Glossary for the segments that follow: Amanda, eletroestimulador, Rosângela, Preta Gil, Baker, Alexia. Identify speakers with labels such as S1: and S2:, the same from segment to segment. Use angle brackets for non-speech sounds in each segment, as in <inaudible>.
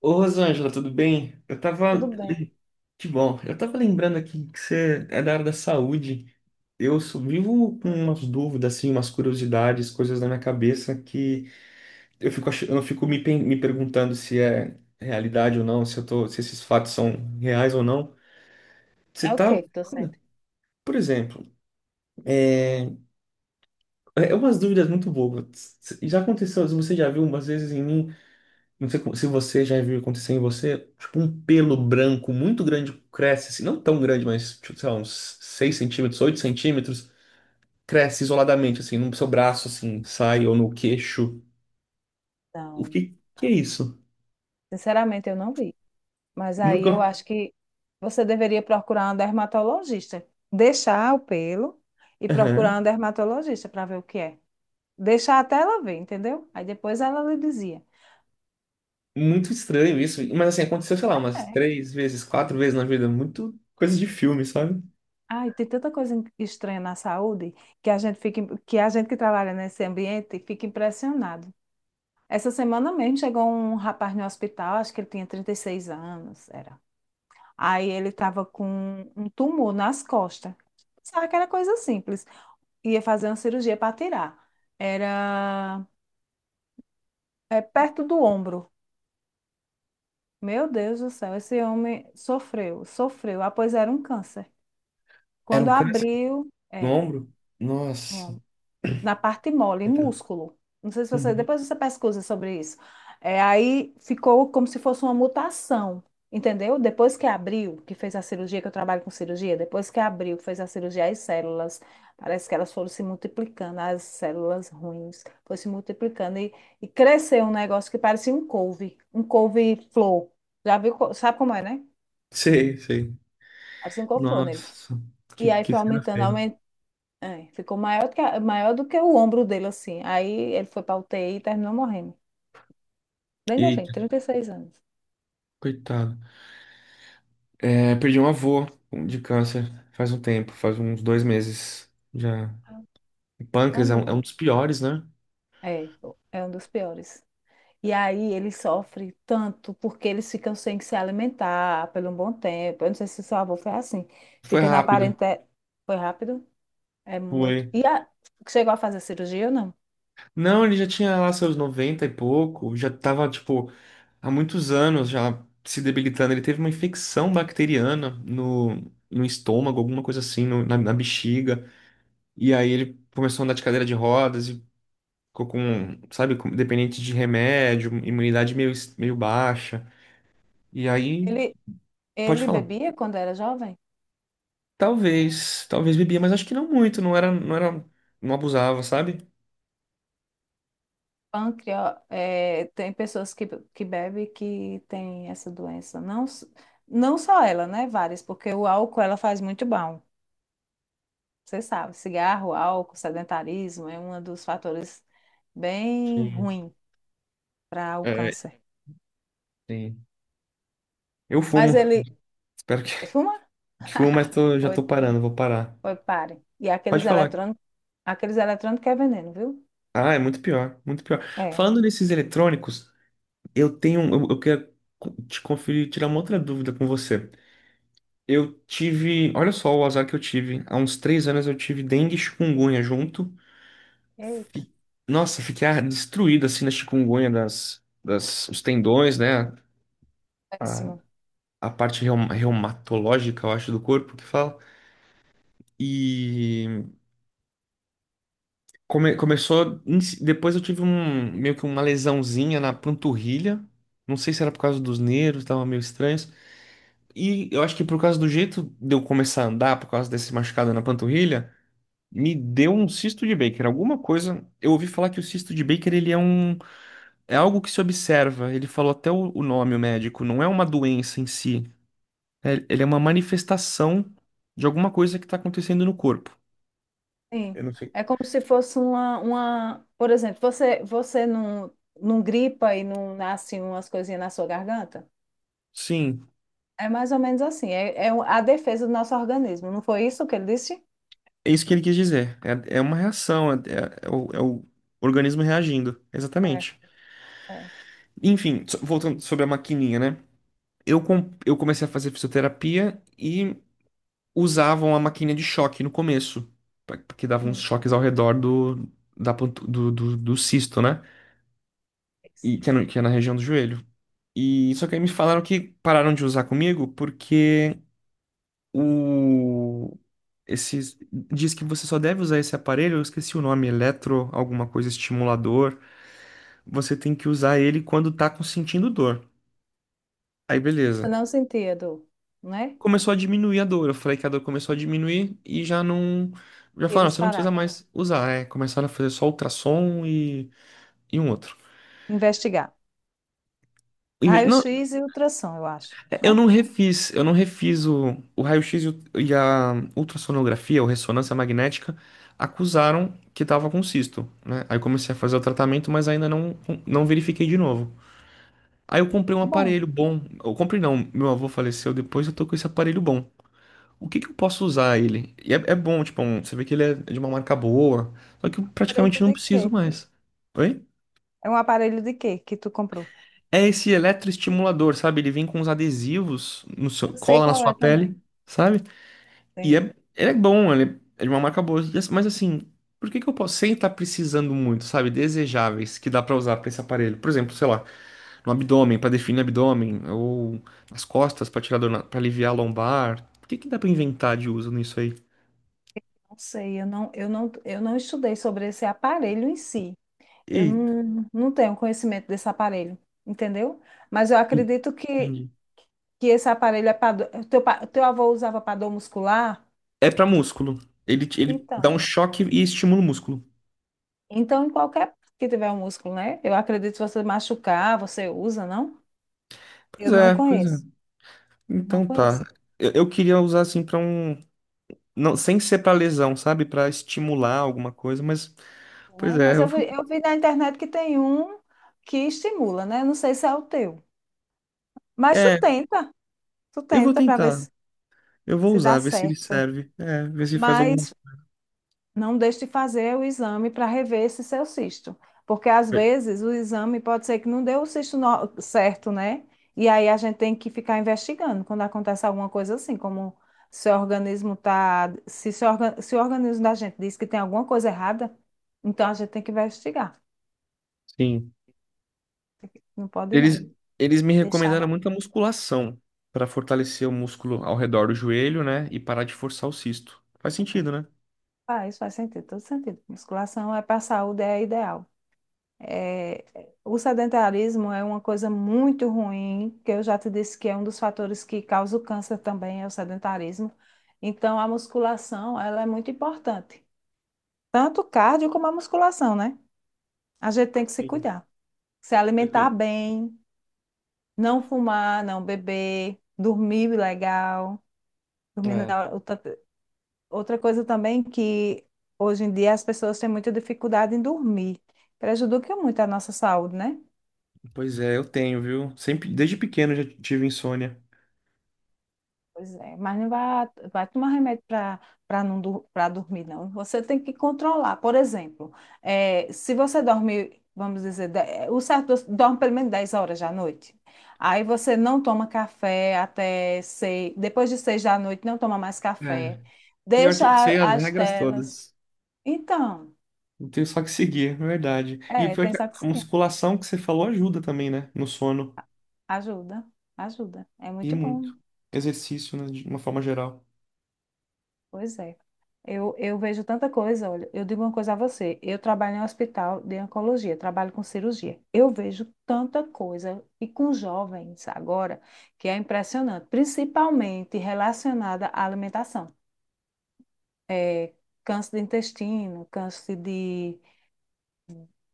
S1: Ô, Rosângela, tudo bem? Eu
S2: Tudo
S1: tava.
S2: bem.
S1: Que bom. Eu tava lembrando aqui que você é da área da saúde. Vivo com umas dúvidas, assim, umas curiosidades, coisas na minha cabeça que eu eu fico me perguntando se é realidade ou não, se eu tô, se esses fatos são reais ou não. Você
S2: É, o que
S1: tá.
S2: que tu sente?
S1: Por exemplo, é umas dúvidas muito bobas. Já aconteceu, você já viu umas vezes em mim? Se você já viu acontecer em você, tipo, um pelo branco muito grande cresce, assim, não tão grande, mas, tipo, sei lá, uns 6 centímetros, 8 centímetros, cresce isoladamente, assim, no seu braço, assim, sai ou no queixo. O
S2: Então,
S1: que que é isso?
S2: sinceramente, eu não vi. Mas aí
S1: Nunca.
S2: eu acho que você deveria procurar um dermatologista. Deixar o pelo e procurar um
S1: Aham.
S2: dermatologista para ver o que é. Deixar até ela ver, entendeu? Aí depois ela lhe dizia.
S1: Muito estranho isso, mas assim, aconteceu, sei lá, umas
S2: É.
S1: três vezes, quatro vezes na vida, muito coisa de filme, sabe?
S2: Ai, tem tanta coisa estranha na saúde que a gente fica, que a gente que trabalha nesse ambiente fica impressionado. Essa semana mesmo chegou um rapaz no hospital, acho que ele tinha 36 anos, era. Aí ele estava com um tumor nas costas. Pensava que era coisa simples. Ia fazer uma cirurgia para tirar. Era, é, perto do ombro. Meu Deus do céu, esse homem sofreu, sofreu. Ah, pois era um câncer.
S1: Era
S2: Quando
S1: um câncer
S2: abriu,
S1: no
S2: era.
S1: ombro? Nossa.
S2: Um, na parte mole, em músculo. Não sei se você,
S1: Uhum.
S2: depois você pesquisa sobre isso. É, aí ficou como se fosse uma mutação, entendeu? Depois que abriu, que fez a cirurgia, que eu trabalho com cirurgia, depois que abriu, que fez a cirurgia, as células, parece que elas foram se multiplicando, as células ruins, foi se multiplicando e cresceu um negócio que parecia um couve, um couve-flor. Já viu, sabe como é, né?
S1: Sei, sei.
S2: Parecia um couve-flor nele.
S1: Nossa,
S2: E aí
S1: que
S2: foi
S1: cena
S2: aumentando,
S1: feia.
S2: aumentando. É, ficou maior do que, maior do que o ombro dele, assim. Aí ele foi pra UTI e terminou morrendo. Bem novinho,
S1: Eita,
S2: 36 anos.
S1: coitado. É, perdi um avô de câncer faz um tempo, faz uns dois meses já. O
S2: Ah,
S1: pâncreas
S2: meu
S1: é um
S2: Deus.
S1: dos piores, né?
S2: É, é um dos piores. E aí ele sofre tanto porque eles ficam sem se alimentar por um bom tempo. Eu não sei se seu avô foi assim.
S1: Foi
S2: Fica na
S1: rápido.
S2: parentela. Foi rápido? É muito.
S1: Foi.
S2: E a... chegou a fazer cirurgia ou não?
S1: Não, ele já tinha lá seus 90 e pouco, já tava, tipo, há muitos anos já se debilitando. Ele teve uma infecção bacteriana no estômago, alguma coisa assim, na bexiga. E aí ele começou a andar de cadeira de rodas e ficou com, sabe, dependente de remédio, imunidade meio, meio baixa. E aí,
S2: Ele,
S1: pode
S2: ele
S1: falar.
S2: bebia quando era jovem?
S1: Talvez, talvez bebia, mas acho que não muito, não era, não abusava, sabe?
S2: Pâncreas, é, tem pessoas que bebem que tem essa doença. Não, não só ela, né? Várias, porque o álcool ela faz muito mal. Você sabe, cigarro, álcool, sedentarismo é um dos fatores bem
S1: Sim.
S2: ruim para o
S1: É,
S2: câncer.
S1: sim. Eu fumo,
S2: Mas ele
S1: espero que,
S2: fuma?
S1: <laughs> que fumo, mas tô, já
S2: Foi,
S1: tô parando, vou parar.
S2: foi, pare. E
S1: Pode falar.
S2: aqueles eletrônicos que é veneno, viu?
S1: Ah, é muito pior, muito pior.
S2: É.
S1: Falando nesses eletrônicos, eu quero te conferir, tirar uma outra dúvida com você. Eu tive, olha só o azar que eu tive. Há uns três anos eu tive dengue e chikungunya junto.
S2: Eita,
S1: Fi- Nossa, fiquei ah, destruído assim na chikungunya os tendões, né? A,
S2: péssimo.
S1: a parte reumatológica, eu acho, do corpo que fala. E começou. Depois eu tive um meio que uma lesãozinha na panturrilha. Não sei se era por causa dos nervos, tava meio estranhos. E eu acho que por causa do jeito de eu começar a andar, por causa desse machucado na panturrilha, me deu um cisto de Baker. Alguma coisa. Eu ouvi falar que o cisto de Baker ele é um. É algo que se observa. Ele falou até o nome, o médico. Não é uma doença em si. Ele é uma manifestação de alguma coisa que está acontecendo no corpo.
S2: Sim.
S1: Eu não sei.
S2: É como se fosse uma, por exemplo, você não, não gripa e não nasce umas coisinhas na sua garganta?
S1: Sim,
S2: É mais ou menos assim, é, é a defesa do nosso organismo, não foi isso que ele disse?
S1: é isso que ele quis dizer. É, é uma reação, é o organismo reagindo.
S2: É,
S1: Exatamente.
S2: é.
S1: Enfim, voltando sobre a maquininha, né? Eu comecei a fazer fisioterapia e usavam a maquininha de choque no começo, que dava uns
S2: Sim.
S1: choques ao redor do, da, pontu- do, do, do cisto, né? E, que é no- que é na região do joelho. E só que aí me falaram que pararam de usar comigo porque o esses diz que você só deve usar esse aparelho, eu esqueci o nome, eletro, alguma coisa estimulador, você tem que usar ele quando sentindo dor. Aí
S2: Você
S1: beleza.
S2: não sentia dor, né?
S1: Começou a diminuir a dor. Eu falei que a dor começou a diminuir e já não já
S2: E
S1: falaram,
S2: eles
S1: você não precisa
S2: pararam.
S1: mais usar, é, começaram a fazer só ultrassom e um outro.
S2: Investigar.
S1: Não.
S2: Raio-X e ultrassom, eu acho,
S1: É, eu
S2: né?
S1: não refiz, eu não refiz o raio-x e a ultrassonografia, ou ressonância magnética, acusaram que tava com cisto, né? Aí eu comecei a fazer o tratamento, mas ainda não, não verifiquei de novo. Aí eu comprei um
S2: Bom,
S1: aparelho bom. Eu comprei não, meu avô faleceu depois, eu tô com esse aparelho bom. O que que eu posso usar ele? É bom, tipo, você vê que ele é de uma marca boa, só que eu
S2: aparelho
S1: praticamente não
S2: de
S1: preciso
S2: quê?
S1: mais. Oi?
S2: É um aparelho de quê que tu comprou?
S1: É esse eletroestimulador, sabe? Ele vem com uns adesivos, no seu-
S2: Eu sei
S1: cola na
S2: qual
S1: sua
S2: é também.
S1: pele, sabe? E
S2: Sim.
S1: é, ele é bom, ele é de uma marca boa. Mas assim, por que que eu posso, sem estar precisando muito, sabe? Desejáveis que dá pra usar pra esse aparelho. Por exemplo, sei lá, no abdômen, pra definir abdômen, ou nas costas, pra tirar dor, pra aliviar a lombar. Por que que dá pra inventar de uso nisso aí?
S2: Não sei, eu não, eu não, eu não estudei sobre esse aparelho em si. Eu
S1: Eita,
S2: não, não tenho conhecimento desse aparelho, entendeu? Mas eu acredito
S1: entendi.
S2: que esse aparelho é para teu, teu avô usava para dor muscular?
S1: É pra músculo. Ele dá
S2: Então.
S1: um choque e estimula o músculo.
S2: Então, em qualquer parte que tiver um músculo, né? Eu acredito que você machucar, você usa, não?
S1: Pois
S2: Eu não
S1: é, pois é.
S2: conheço. Não
S1: Então
S2: conheço,
S1: tá. Eu queria usar assim pra um. Não, sem ser pra lesão, sabe? Pra estimular alguma coisa, mas. Pois
S2: né?
S1: é,
S2: Mas
S1: eu <laughs>
S2: eu vi na internet que tem um que estimula, né? Não sei se é o teu. Mas
S1: é,
S2: tu
S1: eu vou
S2: tenta para ver
S1: tentar.
S2: se,
S1: Eu vou
S2: se dá
S1: usar, ver se ele
S2: certo.
S1: serve. É, ver se faz alguma
S2: Mas não deixe de fazer o exame para rever esse seu cisto, porque às
S1: coisa.
S2: vezes o exame pode ser que não deu o cisto certo, né? E aí a gente tem que ficar investigando quando acontece alguma coisa assim, como se o organismo tá, se, se o organismo da gente diz que tem alguma coisa errada, então a gente tem que investigar.
S1: Sim.
S2: Não pode não,
S1: Eles, eles me
S2: deixar
S1: recomendaram
S2: não.
S1: muita musculação para fortalecer o músculo ao redor do joelho, né? E parar de forçar o cisto. Faz sentido, né?
S2: Faz, faz sentido, todo sentido. Musculação é para a saúde, é ideal. É, o sedentarismo é uma coisa muito ruim, que eu já te disse que é um dos fatores que causa o câncer também, é o sedentarismo. Então, a musculação, ela é muito importante. Tanto o cardio como a musculação, né? A gente tem que se
S1: Sim.
S2: cuidar. Se
S1: Eu
S2: alimentar
S1: tô.
S2: bem, não fumar, não beber, dormir legal. Dormir
S1: É.
S2: na outra, outra coisa também que hoje em dia as pessoas têm muita dificuldade em dormir. Prejudica muito a nossa saúde, né?
S1: Pois é, eu tenho, viu? Sempre, desde pequeno eu já tive insônia.
S2: Pois é, mas não vai, vai tomar remédio para, para não, para dormir, não. Você tem que controlar. Por exemplo, se você dorme, vamos dizer, o certo é dorme pelo menos 10 horas da noite. Aí você não toma café até seis, depois de seis da noite, não toma mais
S1: É.
S2: café.
S1: Pior que
S2: Deixa
S1: eu sei as
S2: as
S1: regras
S2: telas.
S1: todas.
S2: Então,
S1: Eu tenho só que seguir, é verdade. E o
S2: é,
S1: pior é
S2: tem
S1: que
S2: só que
S1: a
S2: seguir.
S1: musculação que você falou ajuda também, né? No sono.
S2: Ajuda, ajuda. É
S1: E
S2: muito bom.
S1: muito. Exercício, né? De uma forma geral.
S2: Pois é. Eu vejo tanta coisa, olha, eu digo uma coisa a você, eu trabalho em um hospital de oncologia, trabalho com cirurgia. Eu vejo tanta coisa, e com jovens agora, que é impressionante, principalmente relacionada à alimentação. É, câncer de intestino, câncer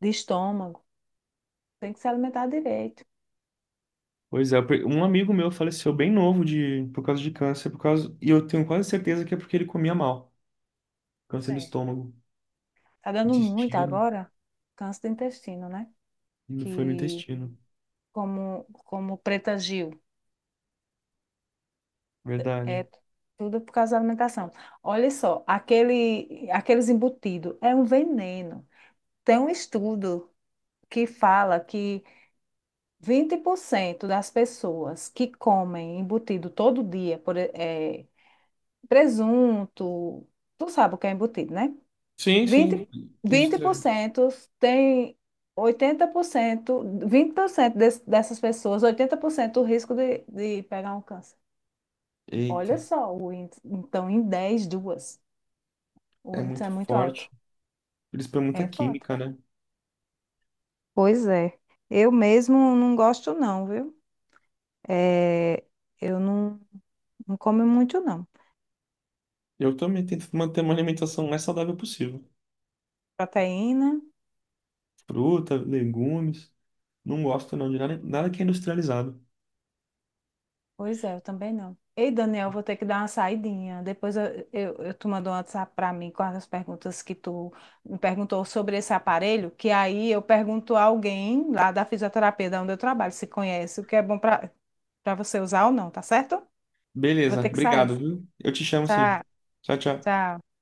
S2: de estômago, tem que se alimentar direito.
S1: Pois é, eu um amigo meu faleceu bem novo de, por causa de câncer, por causa, e eu tenho quase certeza que é porque ele comia mal. Câncer do
S2: É.
S1: estômago,
S2: Tá dando muito
S1: intestino,
S2: agora, câncer de intestino, né?
S1: e não foi no
S2: Que,
S1: intestino,
S2: como, como Preta Gil.
S1: verdade.
S2: É tudo por causa da alimentação. Olha só, aquele, aqueles embutidos é um veneno. Tem um estudo que fala que 20% das pessoas que comem embutido todo dia, por, presunto, tu sabe o que é embutido, né?
S1: Sim,
S2: Vinte
S1: sim,
S2: vinte por
S1: industrializado.
S2: 20% tem 80%, 20% dessas pessoas, 80% o risco de pegar um câncer.
S1: Eita,
S2: Olha só, o índice. Então, em 10 duas. O
S1: é
S2: índice
S1: muito
S2: é muito alto.
S1: forte. Eles põem
S2: É
S1: muita
S2: foda.
S1: química, né?
S2: Pois é. Eu mesmo não gosto não, viu? É, eu não, não como muito não.
S1: Eu também tento manter uma alimentação mais saudável possível.
S2: Proteína.
S1: Fruta, legumes, não gosto não de nada, nada que é industrializado.
S2: Pois é, eu também não. Ei, Daniel, vou ter que dar uma saidinha. Depois eu tu mandou um WhatsApp para mim com as perguntas que tu me perguntou sobre esse aparelho, que aí eu pergunto a alguém lá da fisioterapia, da onde eu trabalho, se conhece, o que é bom para, para você usar ou não, tá certo? Vou
S1: Beleza,
S2: ter que sair.
S1: obrigado, viu? Eu te chamo
S2: Tchau,
S1: sim. Tchau, tchau.
S2: tchau.